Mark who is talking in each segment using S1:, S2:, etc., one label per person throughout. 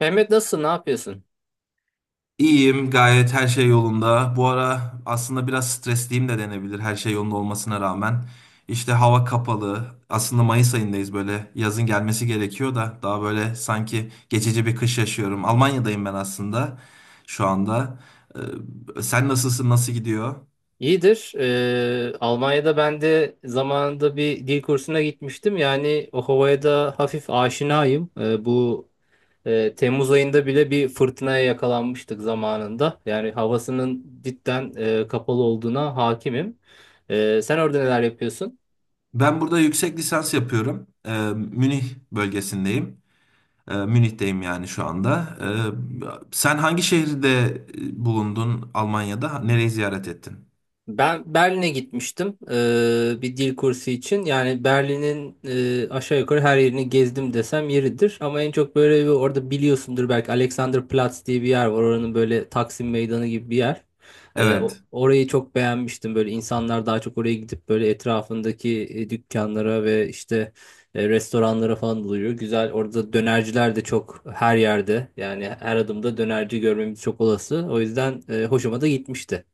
S1: Mehmet nasılsın? Ne yapıyorsun?
S2: İyiyim, gayet her şey yolunda. Bu ara aslında biraz stresliyim de denebilir her şey yolunda olmasına rağmen. İşte hava kapalı. Aslında Mayıs ayındayız böyle. Yazın gelmesi gerekiyor da daha böyle sanki geçici bir kış yaşıyorum. Almanya'dayım ben aslında şu anda. Sen nasılsın, nasıl gidiyor?
S1: İyidir. Almanya'da ben de zamanında bir dil kursuna gitmiştim. Yani o havaya da hafif aşinayım. Temmuz ayında bile bir fırtınaya yakalanmıştık zamanında. Yani havasının cidden kapalı olduğuna hakimim. Sen orada neler yapıyorsun?
S2: Ben burada yüksek lisans yapıyorum. Münih bölgesindeyim. Münih'teyim yani şu anda. Sen hangi şehirde bulundun Almanya'da? Nereyi ziyaret ettin?
S1: Ben Berlin'e gitmiştim bir dil kursu için. Yani Berlin'in aşağı yukarı her yerini gezdim desem yeridir. Ama en çok böyle bir orada biliyorsundur belki Alexanderplatz diye bir yer var. Oranın böyle Taksim Meydanı gibi bir yer.
S2: Evet.
S1: Orayı çok beğenmiştim. Böyle insanlar daha çok oraya gidip böyle etrafındaki dükkanlara ve işte restoranlara falan doluyor. Güzel. Orada dönerciler de çok her yerde. Yani her adımda dönerci görmemiz çok olası. O yüzden hoşuma da gitmişti.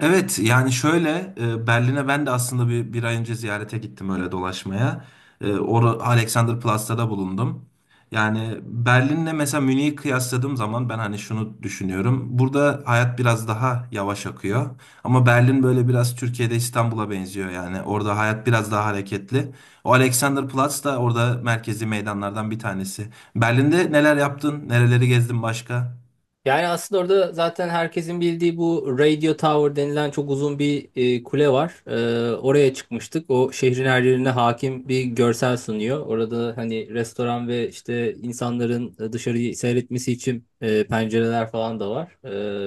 S2: Evet yani şöyle Berlin'e ben de aslında bir ay önce ziyarete gittim öyle dolaşmaya. E, Or Alexanderplatz'ta da bulundum. Yani Berlin'le mesela Münih'i kıyasladığım zaman ben hani şunu düşünüyorum. Burada hayat biraz daha yavaş akıyor. Ama Berlin böyle biraz Türkiye'de İstanbul'a benziyor yani. Orada hayat biraz daha hareketli. O Alexanderplatz da orada merkezi meydanlardan bir tanesi. Berlin'de neler yaptın? Nereleri gezdin başka?
S1: Yani aslında orada zaten herkesin bildiği bu Radio Tower denilen çok uzun bir kule var. Oraya çıkmıştık. O şehrin her yerine hakim bir görsel sunuyor. Orada hani restoran ve işte insanların dışarıyı seyretmesi için pencereler falan da var.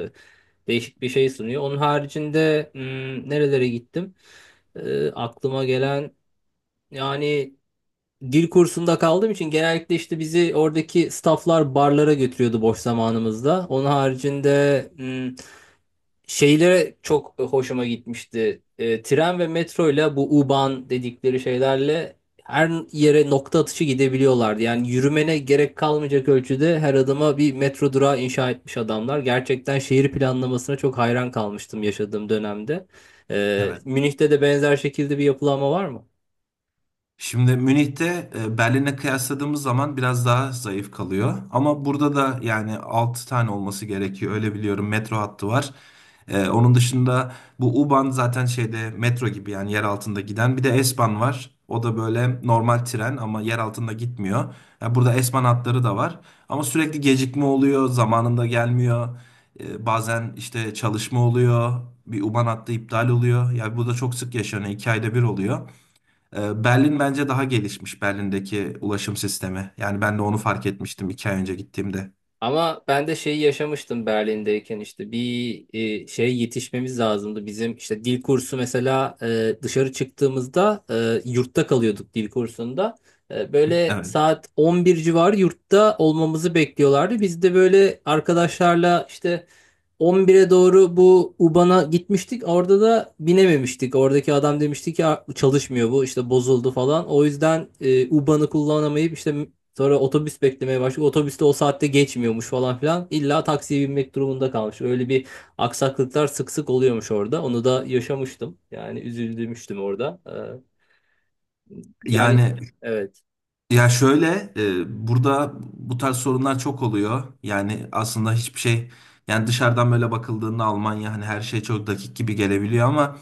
S1: E, Değişik bir şey sunuyor. Onun haricinde nerelere gittim? E, aklıma gelen yani Dil kursunda kaldığım için genellikle işte bizi oradaki stafflar barlara götürüyordu boş zamanımızda. Onun haricinde şeylere çok hoşuma gitmişti. Tren ve metroyla bu U-Bahn dedikleri şeylerle her yere nokta atışı gidebiliyorlardı. Yani yürümene gerek kalmayacak ölçüde her adıma bir metro durağı inşa etmiş adamlar. Gerçekten şehir planlamasına çok hayran kalmıştım yaşadığım dönemde.
S2: Evet.
S1: Münih'te de benzer şekilde bir yapılanma var mı?
S2: Şimdi Münih'te Berlin'e kıyasladığımız zaman biraz daha zayıf kalıyor. Ama burada da yani 6 tane olması gerekiyor. Öyle biliyorum metro hattı var. Onun dışında bu U-Bahn zaten şeyde metro gibi yani yer altında giden. Bir de S-Bahn var. O da böyle normal tren ama yer altında gitmiyor. Ya burada S-Bahn hatları da var. Ama sürekli gecikme oluyor. Zamanında gelmiyor. Bazen işte çalışma oluyor. Bir U-Bahn hattı iptal oluyor. Yani bu da çok sık yaşanıyor. 2 ayda bir oluyor. Berlin bence daha gelişmiş, Berlin'deki ulaşım sistemi. Yani ben de onu fark etmiştim 2 ay önce gittiğimde.
S1: Ama ben de şeyi yaşamıştım Berlin'deyken işte bir şey yetişmemiz lazımdı. Bizim işte dil kursu mesela dışarı çıktığımızda yurtta kalıyorduk dil kursunda. Böyle
S2: Evet.
S1: saat 11 civarı yurtta olmamızı bekliyorlardı. Biz de böyle arkadaşlarla işte 11'e doğru bu UBAN'a gitmiştik. Orada da binememiştik. Oradaki adam demişti ki "Aa, çalışmıyor bu işte bozuldu falan. O yüzden UBAN'ı kullanamayıp işte sonra otobüs beklemeye başladık. Otobüste o saatte geçmiyormuş falan filan. İlla taksiye binmek durumunda kalmış. Öyle bir aksaklıklar sık sık oluyormuş orada. Onu da yaşamıştım. Yani üzüldümüştüm orada. Ee, yani
S2: Yani
S1: evet.
S2: ya şöyle burada bu tarz sorunlar çok oluyor. Yani aslında hiçbir şey, yani dışarıdan böyle bakıldığında Almanya hani her şey çok dakik gibi gelebiliyor ama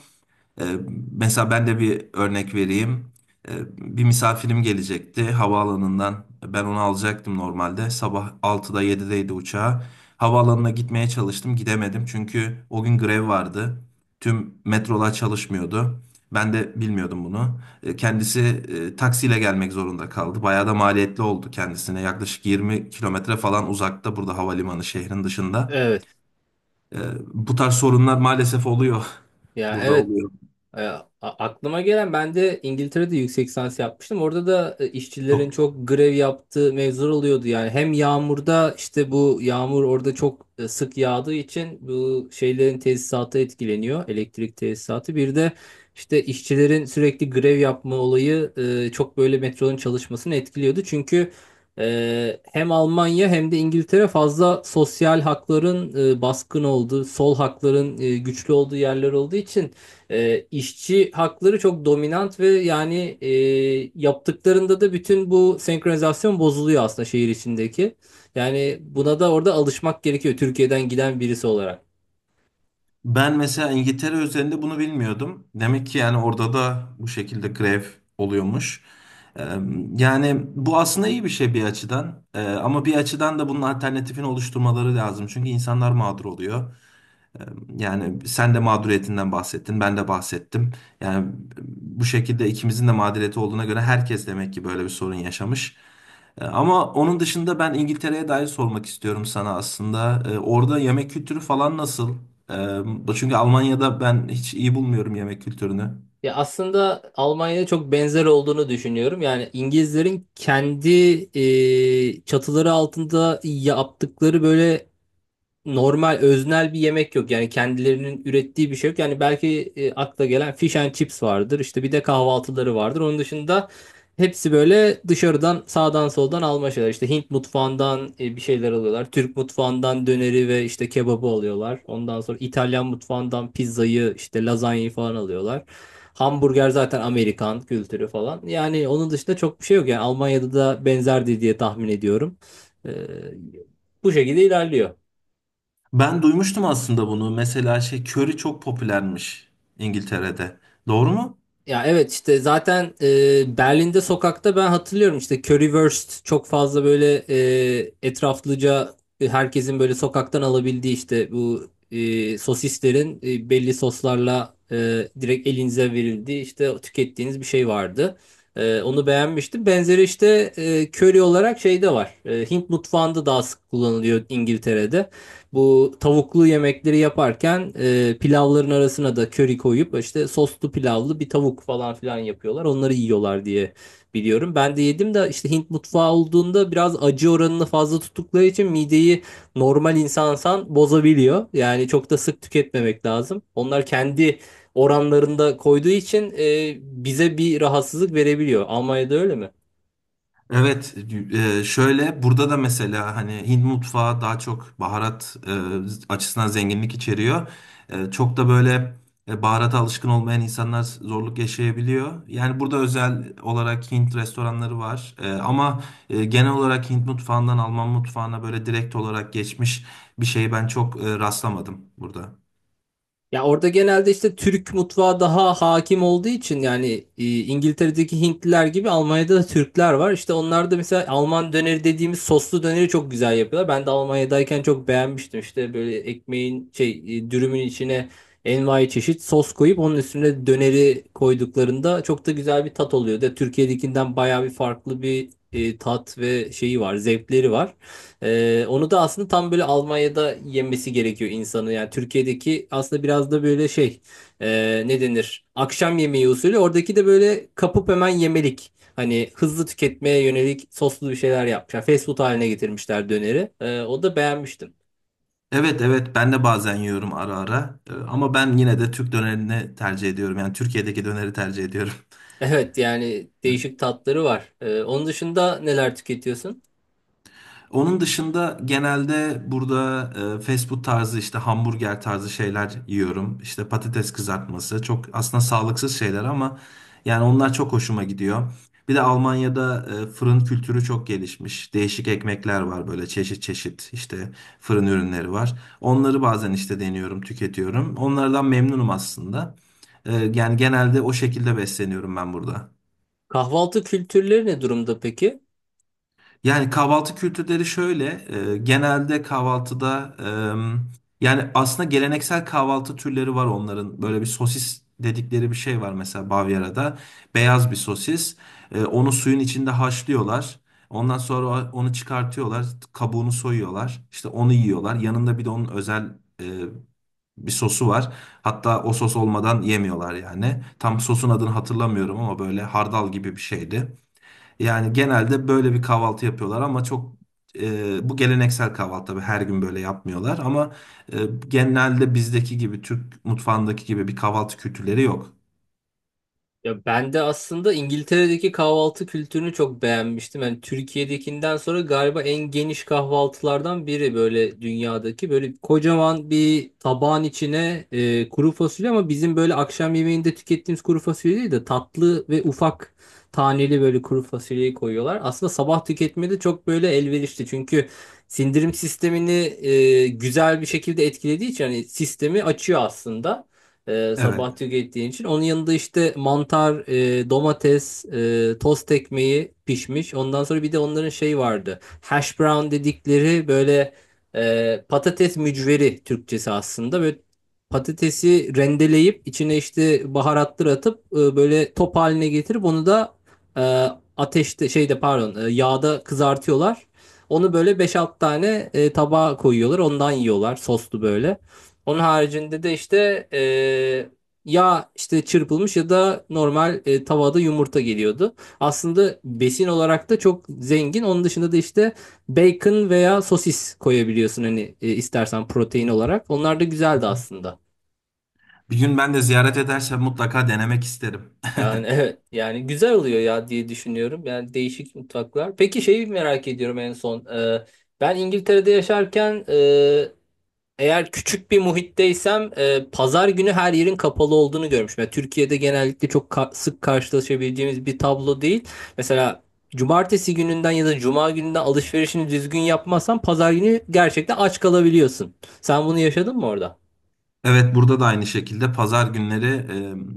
S2: Ee, mesela ben de bir örnek vereyim. Ee, Bir misafirim gelecekti havaalanından. Ben onu alacaktım normalde. Sabah 6'da 7'deydi uçağı. Havaalanına gitmeye çalıştım. Gidemedim çünkü o gün grev vardı. Tüm metrolar çalışmıyordu. Ben de bilmiyordum bunu. Kendisi taksiyle gelmek zorunda kaldı. Bayağı da maliyetli oldu kendisine. Yaklaşık 20 kilometre falan uzakta burada havalimanı, şehrin dışında.
S1: Evet.
S2: Ee, Bu tarz sorunlar maalesef oluyor.
S1: Ya
S2: Burada
S1: evet.
S2: oluyor.
S1: E, a- aklıma gelen Ben de İngiltere'de yüksek lisans yapmıştım. Orada da işçilerin çok grev yaptığı mevzular oluyordu. Yani hem yağmurda işte bu yağmur orada çok sık yağdığı için bu şeylerin tesisatı etkileniyor. Elektrik tesisatı. Bir de işte işçilerin sürekli grev yapma olayı çok böyle metronun çalışmasını etkiliyordu. Çünkü hem Almanya hem de İngiltere fazla sosyal hakların baskın olduğu, sol hakların güçlü olduğu yerler olduğu için işçi hakları çok dominant yaptıklarında da bütün bu senkronizasyon bozuluyor aslında şehir içindeki. Yani buna da orada alışmak gerekiyor Türkiye'den giden birisi olarak.
S2: Ben mesela İngiltere üzerinde bunu bilmiyordum. Demek ki yani orada da bu şekilde grev oluyormuş. Ee, Yani bu aslında iyi bir şey bir açıdan. Ama bir açıdan da bunun alternatifini oluşturmaları lazım. Çünkü insanlar mağdur oluyor. Yani sen de mağduriyetinden bahsettin, ben de bahsettim. Yani bu şekilde ikimizin de mağduriyeti olduğuna göre herkes demek ki böyle bir sorun yaşamış. Ama onun dışında ben İngiltere'ye dair sormak istiyorum sana aslında. Orada yemek kültürü falan nasıl? Çünkü Almanya'da ben hiç iyi bulmuyorum yemek kültürünü.
S1: Ya aslında Almanya'ya çok benzer olduğunu düşünüyorum. Yani İngilizlerin kendi çatıları altında yaptıkları böyle normal öznel bir yemek yok. Yani kendilerinin ürettiği bir şey yok. Yani belki akla gelen fish and chips vardır. İşte bir de kahvaltıları vardır. Onun dışında hepsi böyle dışarıdan sağdan soldan alma şeyler. İşte Hint mutfağından bir şeyler alıyorlar. Türk mutfağından döneri ve işte kebabı alıyorlar. Ondan sonra İtalyan mutfağından pizzayı, işte lazanyayı falan alıyorlar. Hamburger zaten Amerikan kültürü falan. Yani onun dışında çok bir şey yok. Yani Almanya'da da benzerdi diye tahmin ediyorum. Ee, Bu şekilde ilerliyor.
S2: Ben duymuştum aslında bunu. Mesela şey, köri çok popülermiş İngiltere'de. Doğru mu?
S1: Ya evet işte zaten Berlin'de sokakta ben hatırlıyorum işte Currywurst çok fazla böyle etraflıca herkesin böyle sokaktan alabildiği işte bu sosislerin belli soslarla direkt elinize verildiği işte tükettiğiniz bir şey vardı. Onu beğenmiştim. Benzeri işte curry olarak şeyde var. Hint mutfağında daha sık kullanılıyor İngiltere'de. Bu tavuklu yemekleri yaparken pilavların arasına da köri koyup işte soslu pilavlı bir tavuk falan filan yapıyorlar. Onları yiyorlar diye biliyorum. Ben de yedim de işte Hint mutfağı olduğunda biraz acı oranını fazla tuttukları için mideyi normal insansan bozabiliyor. Yani çok da sık tüketmemek lazım. Onlar kendi oranlarında koyduğu için bize bir rahatsızlık verebiliyor. Almanya'da öyle mi?
S2: Evet, şöyle burada da mesela hani Hint mutfağı daha çok baharat açısından zenginlik içeriyor. Çok da böyle baharata alışkın olmayan insanlar zorluk yaşayabiliyor. Yani burada özel olarak Hint restoranları var. Ama genel olarak Hint mutfağından Alman mutfağına böyle direkt olarak geçmiş bir şey ben çok rastlamadım burada.
S1: Ya orada genelde işte Türk mutfağı daha hakim olduğu için yani İngiltere'deki Hintliler gibi Almanya'da da Türkler var. İşte onlar da mesela Alman döneri dediğimiz soslu döneri çok güzel yapıyorlar. Ben de Almanya'dayken çok beğenmiştim. İşte böyle ekmeğin dürümün içine envai çeşit sos koyup onun üstüne döneri koyduklarında çok da güzel bir tat oluyor. De Türkiye'dekinden bayağı bir farklı bir tat ve şeyi var, zevkleri var. Onu da aslında tam böyle Almanya'da yemesi gerekiyor insanı. Yani Türkiye'deki aslında biraz da böyle ne denir? Akşam yemeği usulü. Oradaki de böyle kapıp hemen yemelik. Hani hızlı tüketmeye yönelik soslu bir şeyler yapmışlar. Fast food haline getirmişler döneri. O da beğenmiştim.
S2: Evet evet, ben de bazen yiyorum ara ara. Ama ben yine de Türk dönerini tercih ediyorum. Yani Türkiye'deki döneri tercih ediyorum.
S1: Evet yani değişik tatları var. Onun dışında neler tüketiyorsun?
S2: Onun dışında genelde burada fast food tarzı, işte hamburger tarzı şeyler yiyorum. İşte patates kızartması, çok aslında sağlıksız şeyler ama yani onlar çok hoşuma gidiyor. Bir de Almanya'da fırın kültürü çok gelişmiş. Değişik ekmekler var böyle çeşit çeşit, işte fırın ürünleri var. Onları bazen işte deniyorum, tüketiyorum. Onlardan memnunum aslında. Yani genelde o şekilde besleniyorum ben burada.
S1: Kahvaltı kültürleri ne durumda peki?
S2: Yani kahvaltı kültürleri şöyle, genelde kahvaltıda yani aslında geleneksel kahvaltı türleri var onların. Böyle bir sosis dedikleri bir şey var mesela Bavyera'da. Beyaz bir sosis. Onu suyun içinde haşlıyorlar. Ondan sonra onu çıkartıyorlar, kabuğunu soyuyorlar. İşte onu yiyorlar. Yanında bir de onun özel bir sosu var. Hatta o sos olmadan yemiyorlar yani. Tam sosun adını hatırlamıyorum ama böyle hardal gibi bir şeydi. Yani genelde böyle bir kahvaltı yapıyorlar ama çok bu geleneksel kahvaltı tabii her gün böyle yapmıyorlar ama e, genelde bizdeki gibi, Türk mutfağındaki gibi bir kahvaltı kültürleri yok.
S1: Ya ben de aslında İngiltere'deki kahvaltı kültürünü çok beğenmiştim. Yani Türkiye'dekinden sonra galiba en geniş kahvaltılardan biri böyle dünyadaki. Böyle kocaman bir tabağın içine kuru fasulye ama bizim böyle akşam yemeğinde tükettiğimiz kuru fasulye değil de tatlı ve ufak taneli böyle kuru fasulyeyi koyuyorlar. Aslında sabah tüketmede çok böyle elverişli. Çünkü sindirim sistemini güzel bir şekilde etkilediği için hani sistemi açıyor aslında
S2: Evet.
S1: sabah tükettiğin için. Onun yanında işte mantar, domates, tost ekmeği pişmiş. Ondan sonra bir de onların şey vardı. Hash brown dedikleri böyle patates mücveri Türkçesi aslında. Böyle patatesi rendeleyip içine işte baharatlar atıp böyle top haline getirip onu da e, ateşte şeyde pardon e, yağda kızartıyorlar. Onu böyle beş 6 tane tabağa koyuyorlar. Ondan yiyorlar soslu böyle. Onun haricinde de işte e, ya işte çırpılmış ya da normal tavada yumurta geliyordu. Aslında besin olarak da çok zengin. Onun dışında da işte bacon veya sosis koyabiliyorsun hani istersen protein olarak. Onlar da güzeldi aslında.
S2: Bir gün ben de ziyaret edersem mutlaka denemek isterim.
S1: Yani evet yani güzel oluyor ya diye düşünüyorum. Yani değişik mutfaklar. Peki şeyi merak ediyorum en son. Ben İngiltere'de yaşarken eğer küçük bir muhitteysem pazar günü her yerin kapalı olduğunu görmüşüm. Yani Türkiye'de genellikle çok sık karşılaşabileceğimiz bir tablo değil. Mesela cumartesi gününden ya da cuma gününden alışverişini düzgün yapmazsan pazar günü gerçekten aç kalabiliyorsun. Sen bunu yaşadın mı orada?
S2: Evet, burada da aynı şekilde pazar günleri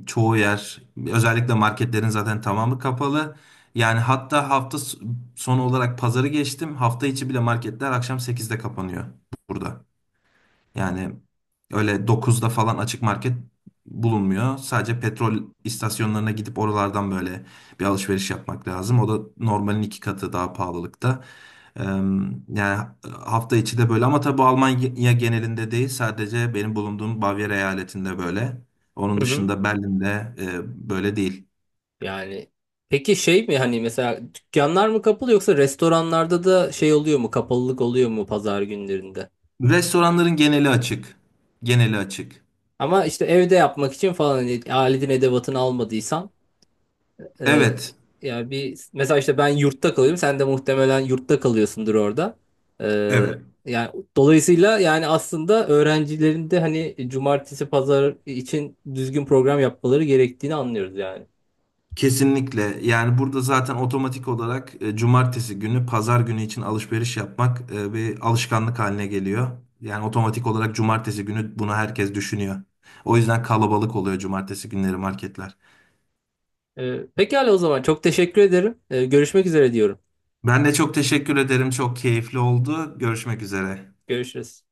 S2: çoğu yer, özellikle marketlerin zaten tamamı kapalı. Yani hatta hafta sonu olarak pazarı geçtim. Hafta içi bile marketler akşam 8'de kapanıyor burada. Yani öyle 9'da falan açık market bulunmuyor. Sadece petrol istasyonlarına gidip oralardan böyle bir alışveriş yapmak lazım. O da normalin iki katı daha pahalılıkta. Eee, Yani hafta içi de böyle ama tabii bu Almanya genelinde değil. Sadece benim bulunduğum Bavyera eyaletinde böyle. Onun
S1: Hı hı.
S2: dışında Berlin'de böyle değil.
S1: Yani peki şey mi hani mesela dükkanlar mı kapalı yoksa restoranlarda da şey oluyor mu, kapalılık oluyor mu pazar günlerinde?
S2: Restoranların geneli açık. Geneli açık.
S1: Ama işte evde yapmak için falan hani aletin edevatını almadıysan. Ee,
S2: Evet.
S1: Yani bir mesela işte ben yurtta kalıyorum. Sen de muhtemelen yurtta kalıyorsundur orada. Ee,
S2: Evet.
S1: Yani dolayısıyla yani aslında öğrencilerin de hani cumartesi pazar için düzgün program yapmaları gerektiğini anlıyoruz yani.
S2: Kesinlikle. Yani burada zaten otomatik olarak cumartesi günü, pazar günü için alışveriş yapmak bir alışkanlık haline geliyor. Yani otomatik olarak cumartesi günü bunu herkes düşünüyor. O yüzden kalabalık oluyor cumartesi günleri marketler.
S1: Pekala o zaman çok teşekkür ederim. Görüşmek üzere diyorum.
S2: Ben de çok teşekkür ederim. Çok keyifli oldu. Görüşmek üzere.
S1: Görüşürüz.